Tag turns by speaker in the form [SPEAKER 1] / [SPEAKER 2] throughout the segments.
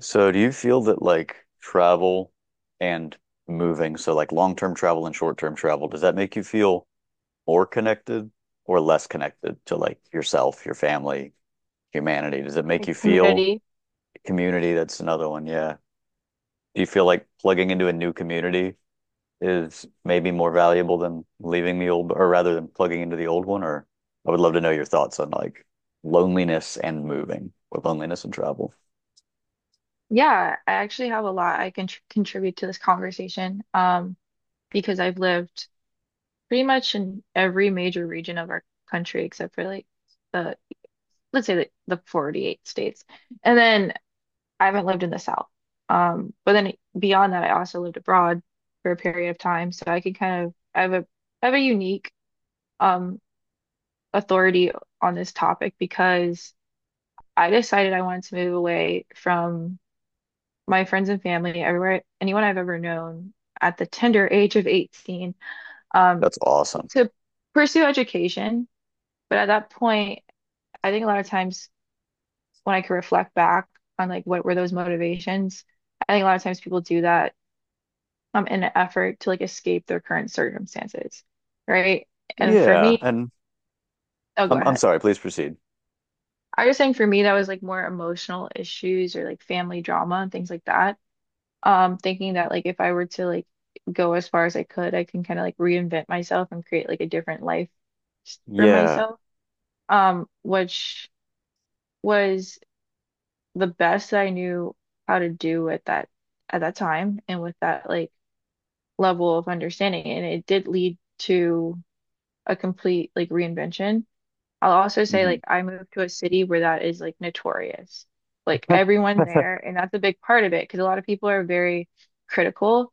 [SPEAKER 1] So do you feel that like travel and moving, so like long-term travel and short-term travel, does that make you feel more connected or less connected to like yourself, your family, humanity? Does it make
[SPEAKER 2] Like
[SPEAKER 1] you feel
[SPEAKER 2] community.
[SPEAKER 1] community? That's another one. Yeah. Do you feel like plugging into a new community is maybe more valuable than leaving the old, or rather than plugging into the old one? Or I would love to know your thoughts on like loneliness and moving or loneliness and travel.
[SPEAKER 2] Yeah, I actually have a lot I can tr contribute to this conversation, because I've lived pretty much in every major region of our country except for like the, let's say the 48 states. And then I haven't lived in the South. But then beyond that, I also lived abroad for a period of time. So I can kind of, I have a unique um, authority on this topic because I decided I wanted to move away from my friends and family, everywhere, anyone I've ever known at the tender age of 18. um,
[SPEAKER 1] That's awesome.
[SPEAKER 2] to pursue education. But at that point, I think a lot of times when I could reflect back on like what were those motivations, I think a lot of times people do that in an effort to like escape their current circumstances, right? And for
[SPEAKER 1] Yeah.
[SPEAKER 2] me,
[SPEAKER 1] And
[SPEAKER 2] oh, go
[SPEAKER 1] I'm
[SPEAKER 2] ahead.
[SPEAKER 1] sorry, please proceed.
[SPEAKER 2] I was saying for me that was like more emotional issues or like family drama and things like that. Thinking that like if I were to like go as far as I could, I can kind of like reinvent myself and create like a different life for
[SPEAKER 1] Yeah.
[SPEAKER 2] myself. Which was the best that I knew how to do at that time and with that like level of understanding. And it did lead to a complete like reinvention. I'll also say
[SPEAKER 1] Hmm.
[SPEAKER 2] like I moved to a city where that is like notorious. Like everyone there, and that's a big part of it because a lot of people are very critical.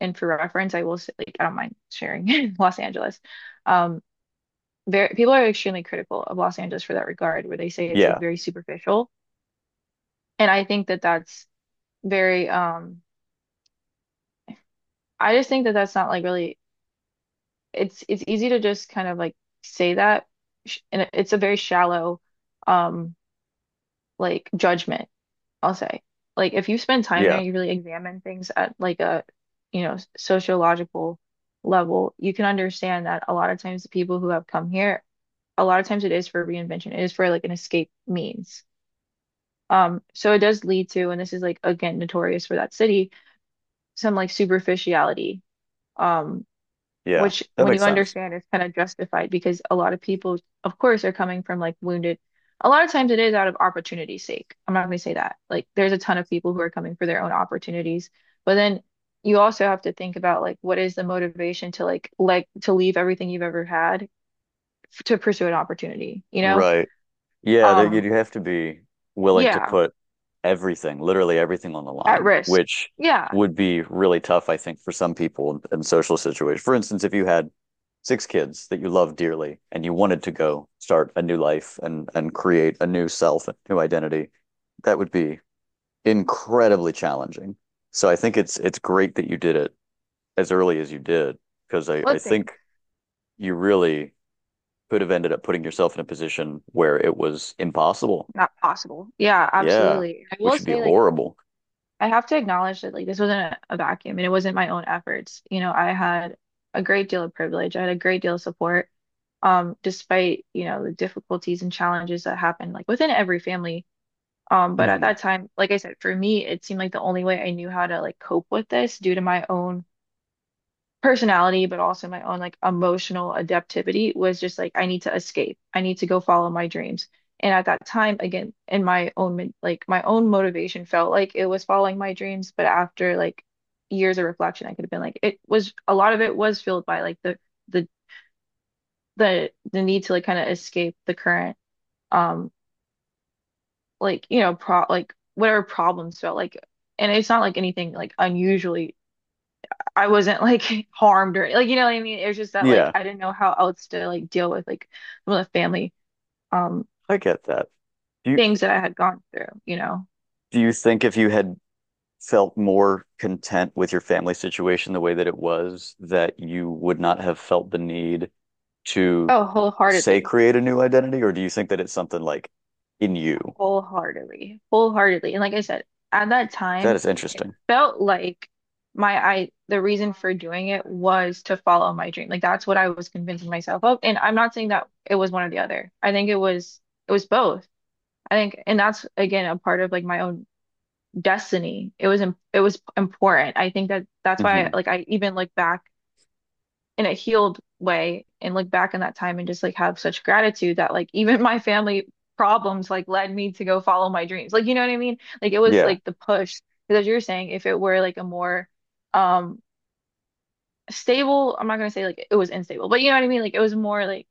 [SPEAKER 2] And for reference, I will say, like, I don't mind sharing Los Angeles. Um, Very, people are extremely critical of Los Angeles for that regard, where they say it's like
[SPEAKER 1] Yeah.
[SPEAKER 2] very superficial. And I think that that's very, I just think that that's not like really, it's easy to just kind of like say that. And it's a very shallow, um, like judgment, I'll say. Like, if you spend time there,
[SPEAKER 1] Yeah.
[SPEAKER 2] you really examine things at like a, you know, sociological level, you can understand that a lot of times the people who have come here, a lot of times it is for reinvention. It is for like an escape means. So it does lead to, and this is like again notorious for that city, some like superficiality, um,
[SPEAKER 1] Yeah.
[SPEAKER 2] which
[SPEAKER 1] That
[SPEAKER 2] when you
[SPEAKER 1] makes sense.
[SPEAKER 2] understand is kind of justified because a lot of people, of course, are coming from like wounded. A lot of times it is out of opportunity's sake. I'm not gonna say that. Like there's a ton of people who are coming for their own opportunities, but then you also have to think about like what is the motivation to like to leave everything you've ever had to pursue an opportunity, you know?
[SPEAKER 1] Right. Yeah, there you'd
[SPEAKER 2] Um,
[SPEAKER 1] have to be willing to
[SPEAKER 2] yeah,
[SPEAKER 1] put everything, literally everything on the
[SPEAKER 2] at
[SPEAKER 1] line,
[SPEAKER 2] risk.
[SPEAKER 1] which
[SPEAKER 2] Yeah.
[SPEAKER 1] would be really tough, I think, for some people in social situations. For instance, if you had six kids that you love dearly and you wanted to go start a new life and create a new self, a new identity, that would be incredibly challenging. So I think it's great that you did it as early as you did because I
[SPEAKER 2] What things?
[SPEAKER 1] think you really could have ended up putting yourself in a position where it was impossible.
[SPEAKER 2] Not possible. Yeah,
[SPEAKER 1] Yeah,
[SPEAKER 2] absolutely. I will
[SPEAKER 1] which would be
[SPEAKER 2] say, like,
[SPEAKER 1] horrible.
[SPEAKER 2] I have to acknowledge that, like, this wasn't a vacuum and it wasn't my own efforts. You know, I had a great deal of privilege. I had a great deal of support, despite, you know, the difficulties and challenges that happen, like, within every family. But at
[SPEAKER 1] Mhm.
[SPEAKER 2] that time, like I said, for me, it seemed like the only way I knew how to, like, cope with this due to my own personality, but also my own like emotional adaptivity was just like I need to escape. I need to go follow my dreams. And at that time, again, in my own min- like my own motivation felt like it was following my dreams, but after like years of reflection, I could have been like it was a lot of it was filled by like the the need to like kind of escape the current um like you know pro like whatever problems felt like. And it's not like anything like unusually, I wasn't like harmed or like you know what I mean. It was just that like
[SPEAKER 1] Yeah,
[SPEAKER 2] I didn't know how else to like deal with like some of the family um
[SPEAKER 1] I get that. Do you
[SPEAKER 2] things that I had gone through, you know.
[SPEAKER 1] do you think if you had felt more content with your family situation the way that it was, that you would not have felt the need to
[SPEAKER 2] Oh,
[SPEAKER 1] say create a new identity, or do you think that it's something like in you?
[SPEAKER 2] wholeheartedly. And like I said, at that
[SPEAKER 1] That
[SPEAKER 2] time,
[SPEAKER 1] is
[SPEAKER 2] it
[SPEAKER 1] interesting.
[SPEAKER 2] felt like my I the reason for doing it was to follow my dream. Like that's what I was convincing myself of. And I'm not saying that it was one or the other. I think it was both. I think, and that's again a part of like my own destiny. It was important. I think that that's why
[SPEAKER 1] Hmm.
[SPEAKER 2] like I even look back in a healed way and look back in that time and just like have such gratitude that like even my family problems like led me to go follow my dreams. Like you know what I mean? Like it was
[SPEAKER 1] Yeah.
[SPEAKER 2] like the push because as you were saying if it were like a more um stable, I'm not gonna say like it was unstable, but you know what I mean? Like it was more like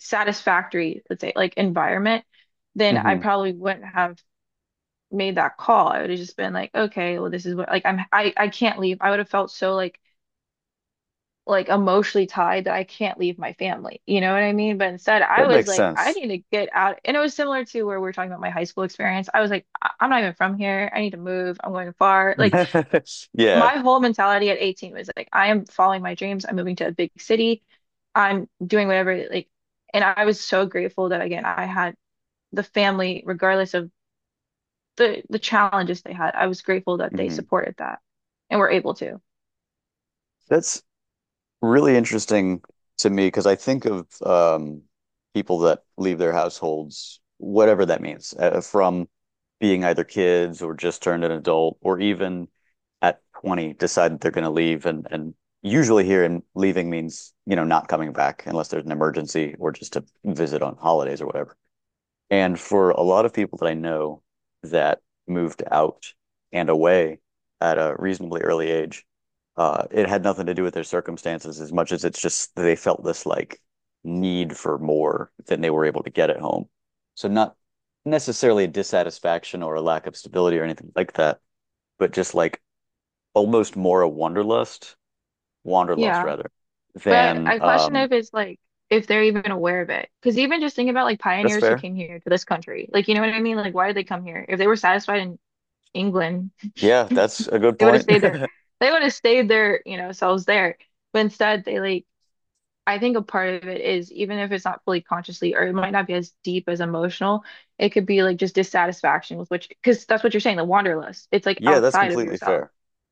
[SPEAKER 2] satisfactory, let's say like environment, then I
[SPEAKER 1] Hmm.
[SPEAKER 2] probably wouldn't have made that call, I would have just been like, okay, well, this is what like I can't leave. I would have felt so like emotionally tied that I can't leave my family. You know what I mean? But instead, I
[SPEAKER 1] That
[SPEAKER 2] was
[SPEAKER 1] makes
[SPEAKER 2] like, I
[SPEAKER 1] sense.
[SPEAKER 2] need to get out. And it was similar to where we are talking about my high school experience. I was like, I'm not even from here. I need to move. I'm going far. Like
[SPEAKER 1] Yeah.
[SPEAKER 2] my whole mentality at 18 was like, I am following my dreams. I'm moving to a big city. I'm doing whatever like and I was so grateful that again I had the family, regardless of the challenges they had. I was grateful that they
[SPEAKER 1] Hmm.
[SPEAKER 2] supported that and were able to.
[SPEAKER 1] That's really interesting to me because I think of people that leave their households, whatever that means, from being either kids or just turned an adult, or even at 20 decide that they're going to leave. And usually here in leaving means, you know, not coming back unless there's an emergency or just to visit on holidays or whatever. And for a lot of people that I know that moved out and away at a reasonably early age, it had nothing to do with their circumstances as much as it's just they felt this like need for more than they were able to get at home. So not necessarily a dissatisfaction or a lack of stability or anything like that, but just like almost more a wanderlust
[SPEAKER 2] Yeah,
[SPEAKER 1] rather
[SPEAKER 2] but
[SPEAKER 1] than
[SPEAKER 2] I question if it's like if they're even aware of it. Because even just think about like
[SPEAKER 1] that's
[SPEAKER 2] pioneers who
[SPEAKER 1] fair.
[SPEAKER 2] came here to this country. Like, you know what I mean? Like, why did they come here? If they were satisfied in England,
[SPEAKER 1] Yeah, that's a good
[SPEAKER 2] they would have
[SPEAKER 1] point.
[SPEAKER 2] stayed there. They would have stayed their, you know, selves there. But instead, they like, I think a part of it is even if it's not fully consciously or it might not be as deep as emotional, it could be like just dissatisfaction with which, because that's what you're saying, the wanderlust. It's like
[SPEAKER 1] Yeah, that's
[SPEAKER 2] outside of
[SPEAKER 1] completely
[SPEAKER 2] yourself.
[SPEAKER 1] fair.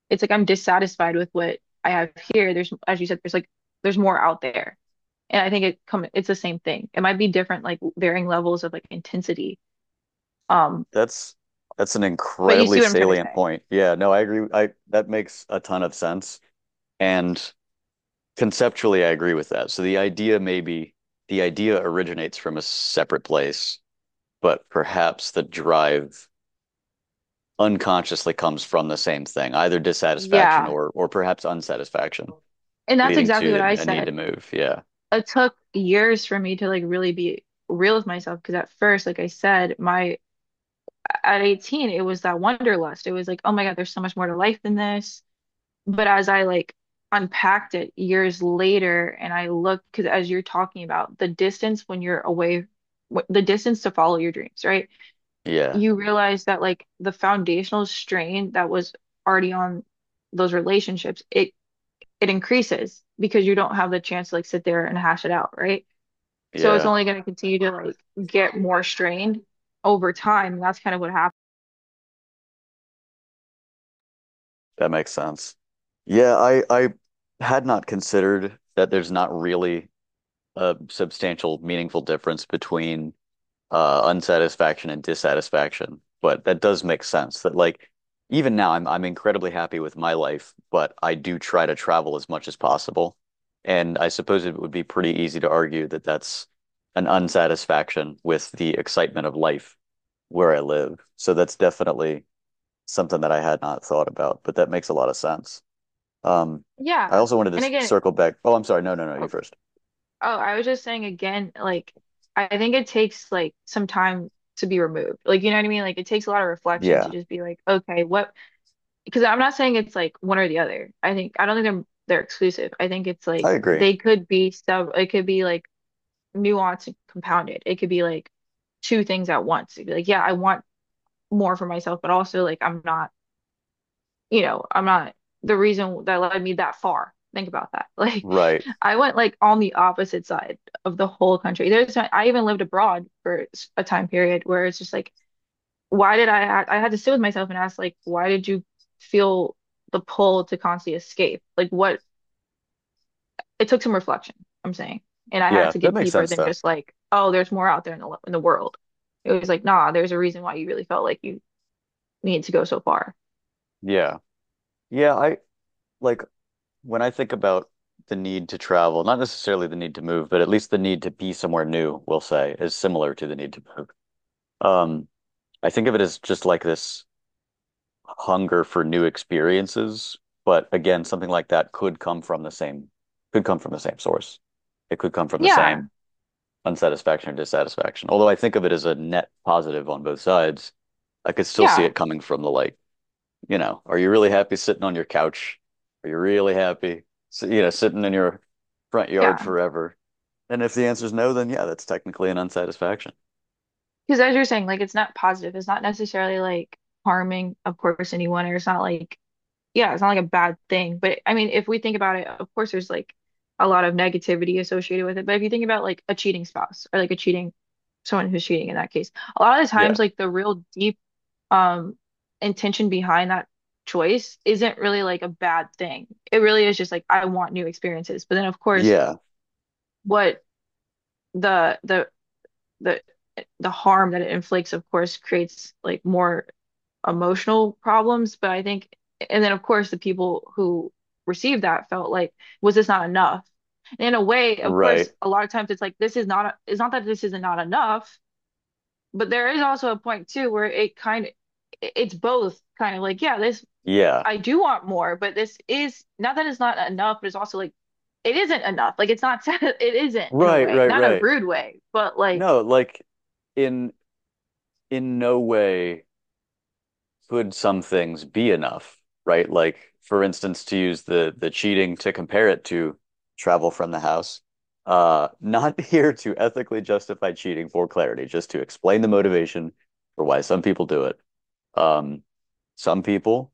[SPEAKER 2] It's like I'm dissatisfied with what I have here. There's, as you said, there's like there's more out there, and I think it's the same thing. It might be different, like varying levels of like intensity. Um,
[SPEAKER 1] That's that's an
[SPEAKER 2] but you
[SPEAKER 1] incredibly
[SPEAKER 2] see what I'm trying to
[SPEAKER 1] salient
[SPEAKER 2] say?
[SPEAKER 1] point. Yeah, no, I agree. I That makes a ton of sense. And conceptually, I agree with that. So the idea originates from a separate place, but perhaps the drive unconsciously comes from the same thing, either dissatisfaction
[SPEAKER 2] Yeah,
[SPEAKER 1] or perhaps unsatisfaction,
[SPEAKER 2] and that's
[SPEAKER 1] leading
[SPEAKER 2] exactly what
[SPEAKER 1] to
[SPEAKER 2] I
[SPEAKER 1] a need to
[SPEAKER 2] said.
[SPEAKER 1] move. Yeah.
[SPEAKER 2] It took years for me to like really be real with myself because at first, like I said, my at 18, it was that wanderlust. It was like, oh my God, there's so much more to life than this. But as I like unpacked it years later and I looked, because as you're talking about the distance when you're away, the distance to follow your dreams, right?
[SPEAKER 1] Yeah.
[SPEAKER 2] You realize that like the foundational strain that was already on those relationships, it increases because you don't have the chance to like sit there and hash it out, right? So it's
[SPEAKER 1] Yeah.
[SPEAKER 2] only going to continue to like get more strained over time. And that's kind of what happened.
[SPEAKER 1] That makes sense. Yeah, I had not considered that there's not really a substantial, meaningful difference between unsatisfaction and dissatisfaction. But that does make sense that like even now I'm incredibly happy with my life, but I do try to travel as much as possible. And I suppose it would be pretty easy to argue that that's an unsatisfaction with the excitement of life where I live. So that's definitely something that I had not thought about, but that makes a lot of sense. Um, I
[SPEAKER 2] Yeah.
[SPEAKER 1] also wanted to
[SPEAKER 2] And again,
[SPEAKER 1] circle back. Oh, I'm sorry. No, no, no. You
[SPEAKER 2] oh,
[SPEAKER 1] first.
[SPEAKER 2] oh, I was just saying again, like I think it takes like some time to be removed. Like you know what I mean? Like it takes a lot of reflection to
[SPEAKER 1] Yeah,
[SPEAKER 2] just be like, okay, what? Because I'm not saying it's like one or the other. I don't think they're exclusive. I think it's
[SPEAKER 1] I
[SPEAKER 2] like
[SPEAKER 1] agree.
[SPEAKER 2] they could be sub. It could be like nuanced and compounded. It could be like two things at once. It'd be like, yeah, I want more for myself, but also like I'm not you know, I'm not the reason that led me that far. Think about that. Like,
[SPEAKER 1] Right.
[SPEAKER 2] I went like on the opposite side of the whole country. There's, I even lived abroad for a time period where it's just like, I had to sit with myself and ask, like, why did you feel the pull to constantly escape? Like, what, it took some reflection, I'm saying. And I had
[SPEAKER 1] Yeah,
[SPEAKER 2] to
[SPEAKER 1] that
[SPEAKER 2] get
[SPEAKER 1] makes
[SPEAKER 2] deeper
[SPEAKER 1] sense
[SPEAKER 2] than
[SPEAKER 1] though.
[SPEAKER 2] just like, oh, there's more out there in the world. It was like, nah, there's a reason why you really felt like you needed to go so far.
[SPEAKER 1] Yeah. Yeah, I like when I think about the need to travel, not necessarily the need to move, but at least the need to be somewhere new, we'll say, is similar to the need to move. Um, I think of it as just like this hunger for new experiences, but again, something like that could come from the same source. It could come from the
[SPEAKER 2] Yeah.
[SPEAKER 1] same unsatisfaction or dissatisfaction. Although I think of it as a net positive on both sides, I could still see
[SPEAKER 2] Yeah.
[SPEAKER 1] it coming from the like you know, are you really happy sitting on your couch? Are you really happy, you know, sitting in your front yard
[SPEAKER 2] Yeah.
[SPEAKER 1] forever? And if the answer is no, then yeah, that's technically an unsatisfaction.
[SPEAKER 2] Because as you're saying, like it's not positive. It's not necessarily like harming, of course, anyone, or it's not like, yeah, it's not like a bad thing. But I mean, if we think about it, of course, there's like a lot of negativity associated with it. But if you think about like a cheating spouse or like a cheating someone who's cheating in that case, a lot of the
[SPEAKER 1] Yeah.
[SPEAKER 2] times, like the real deep um intention behind that choice isn't really like a bad thing. It really is just like I want new experiences. But then, of course,
[SPEAKER 1] Yeah.
[SPEAKER 2] what the the the the harm that it inflicts, of course, creates like more emotional problems. But I think, and then of course, the people who received that felt like, was this not enough? And in a way, of course,
[SPEAKER 1] Right.
[SPEAKER 2] a lot of times it's like this is not. It's not that this is not enough, but there is also a point too where it kind of, it's both kind of like, yeah, this
[SPEAKER 1] Yeah.
[SPEAKER 2] I do want more, but this is not that it's not enough, but it's also like it isn't enough. Like it's not. It isn't in a
[SPEAKER 1] Right,
[SPEAKER 2] way,
[SPEAKER 1] right,
[SPEAKER 2] not in a
[SPEAKER 1] right.
[SPEAKER 2] rude way, but like
[SPEAKER 1] No, like in in no way could some things be enough, right? Like, for instance, to use the cheating to compare it to travel from the house. Not here to ethically justify cheating for clarity, just to explain the motivation for why some people do it. Um, some people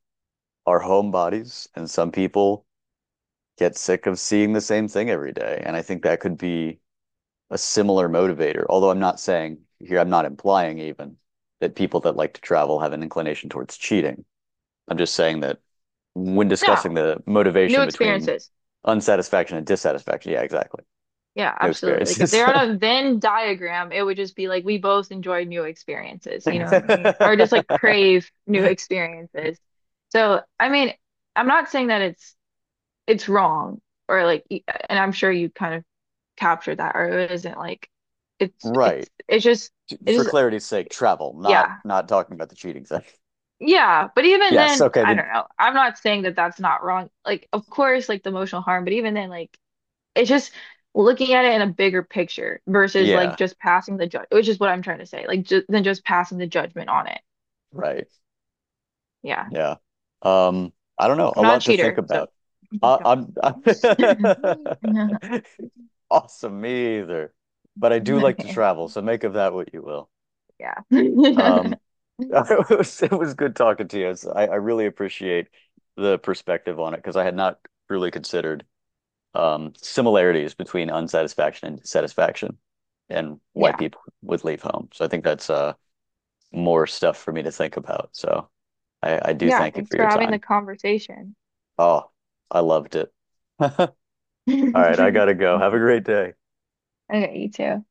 [SPEAKER 1] are homebodies, and some people get sick of seeing the same thing every day. And I think that could be a similar motivator. Although I'm not saying here, I'm not implying even that people that like to travel have an inclination towards cheating. I'm just saying that when discussing
[SPEAKER 2] no,
[SPEAKER 1] the
[SPEAKER 2] new
[SPEAKER 1] motivation between
[SPEAKER 2] experiences.
[SPEAKER 1] unsatisfaction and dissatisfaction, yeah, exactly.
[SPEAKER 2] Yeah,
[SPEAKER 1] New
[SPEAKER 2] absolutely. Like if
[SPEAKER 1] experiences.
[SPEAKER 2] they're on a Venn diagram, it would just be like we both enjoy new experiences, you know what I mean? Or just like crave new experiences. So, I mean, I'm not saying that it's wrong or like and I'm sure you kind of captured that or it isn't like
[SPEAKER 1] right.
[SPEAKER 2] it's just
[SPEAKER 1] For
[SPEAKER 2] it's just
[SPEAKER 1] clarity's sake, travel, not
[SPEAKER 2] yeah.
[SPEAKER 1] not talking about the cheating thing.
[SPEAKER 2] Yeah, but even
[SPEAKER 1] Yes,
[SPEAKER 2] then,
[SPEAKER 1] okay,
[SPEAKER 2] I
[SPEAKER 1] the
[SPEAKER 2] don't know. I'm not saying that that's not wrong. Like of course like the emotional harm, but even then like it's just looking at it in a bigger picture versus like
[SPEAKER 1] yeah,
[SPEAKER 2] just passing the judge, which is what I'm trying to say. Like just than just passing the judgment on it.
[SPEAKER 1] right.
[SPEAKER 2] Yeah.
[SPEAKER 1] Yeah. Um, I don't know,
[SPEAKER 2] I'm
[SPEAKER 1] a
[SPEAKER 2] not a
[SPEAKER 1] lot to think
[SPEAKER 2] cheater, so
[SPEAKER 1] about. I, I'm
[SPEAKER 2] don't.
[SPEAKER 1] awesome, me either. But I do like to
[SPEAKER 2] Okay.
[SPEAKER 1] travel, so make of that what you will.
[SPEAKER 2] Yeah.
[SPEAKER 1] Um it was good talking to you. I really appreciate the perspective on it because I had not really considered similarities between unsatisfaction and satisfaction and why
[SPEAKER 2] Yeah.
[SPEAKER 1] people would leave home. So I think that's more stuff for me to think about. So I do
[SPEAKER 2] Yeah.
[SPEAKER 1] thank you
[SPEAKER 2] Thanks
[SPEAKER 1] for
[SPEAKER 2] for
[SPEAKER 1] your
[SPEAKER 2] having
[SPEAKER 1] time.
[SPEAKER 2] the conversation.
[SPEAKER 1] Oh, I loved it. All right, I gotta go. Have a great day.
[SPEAKER 2] Okay, you too.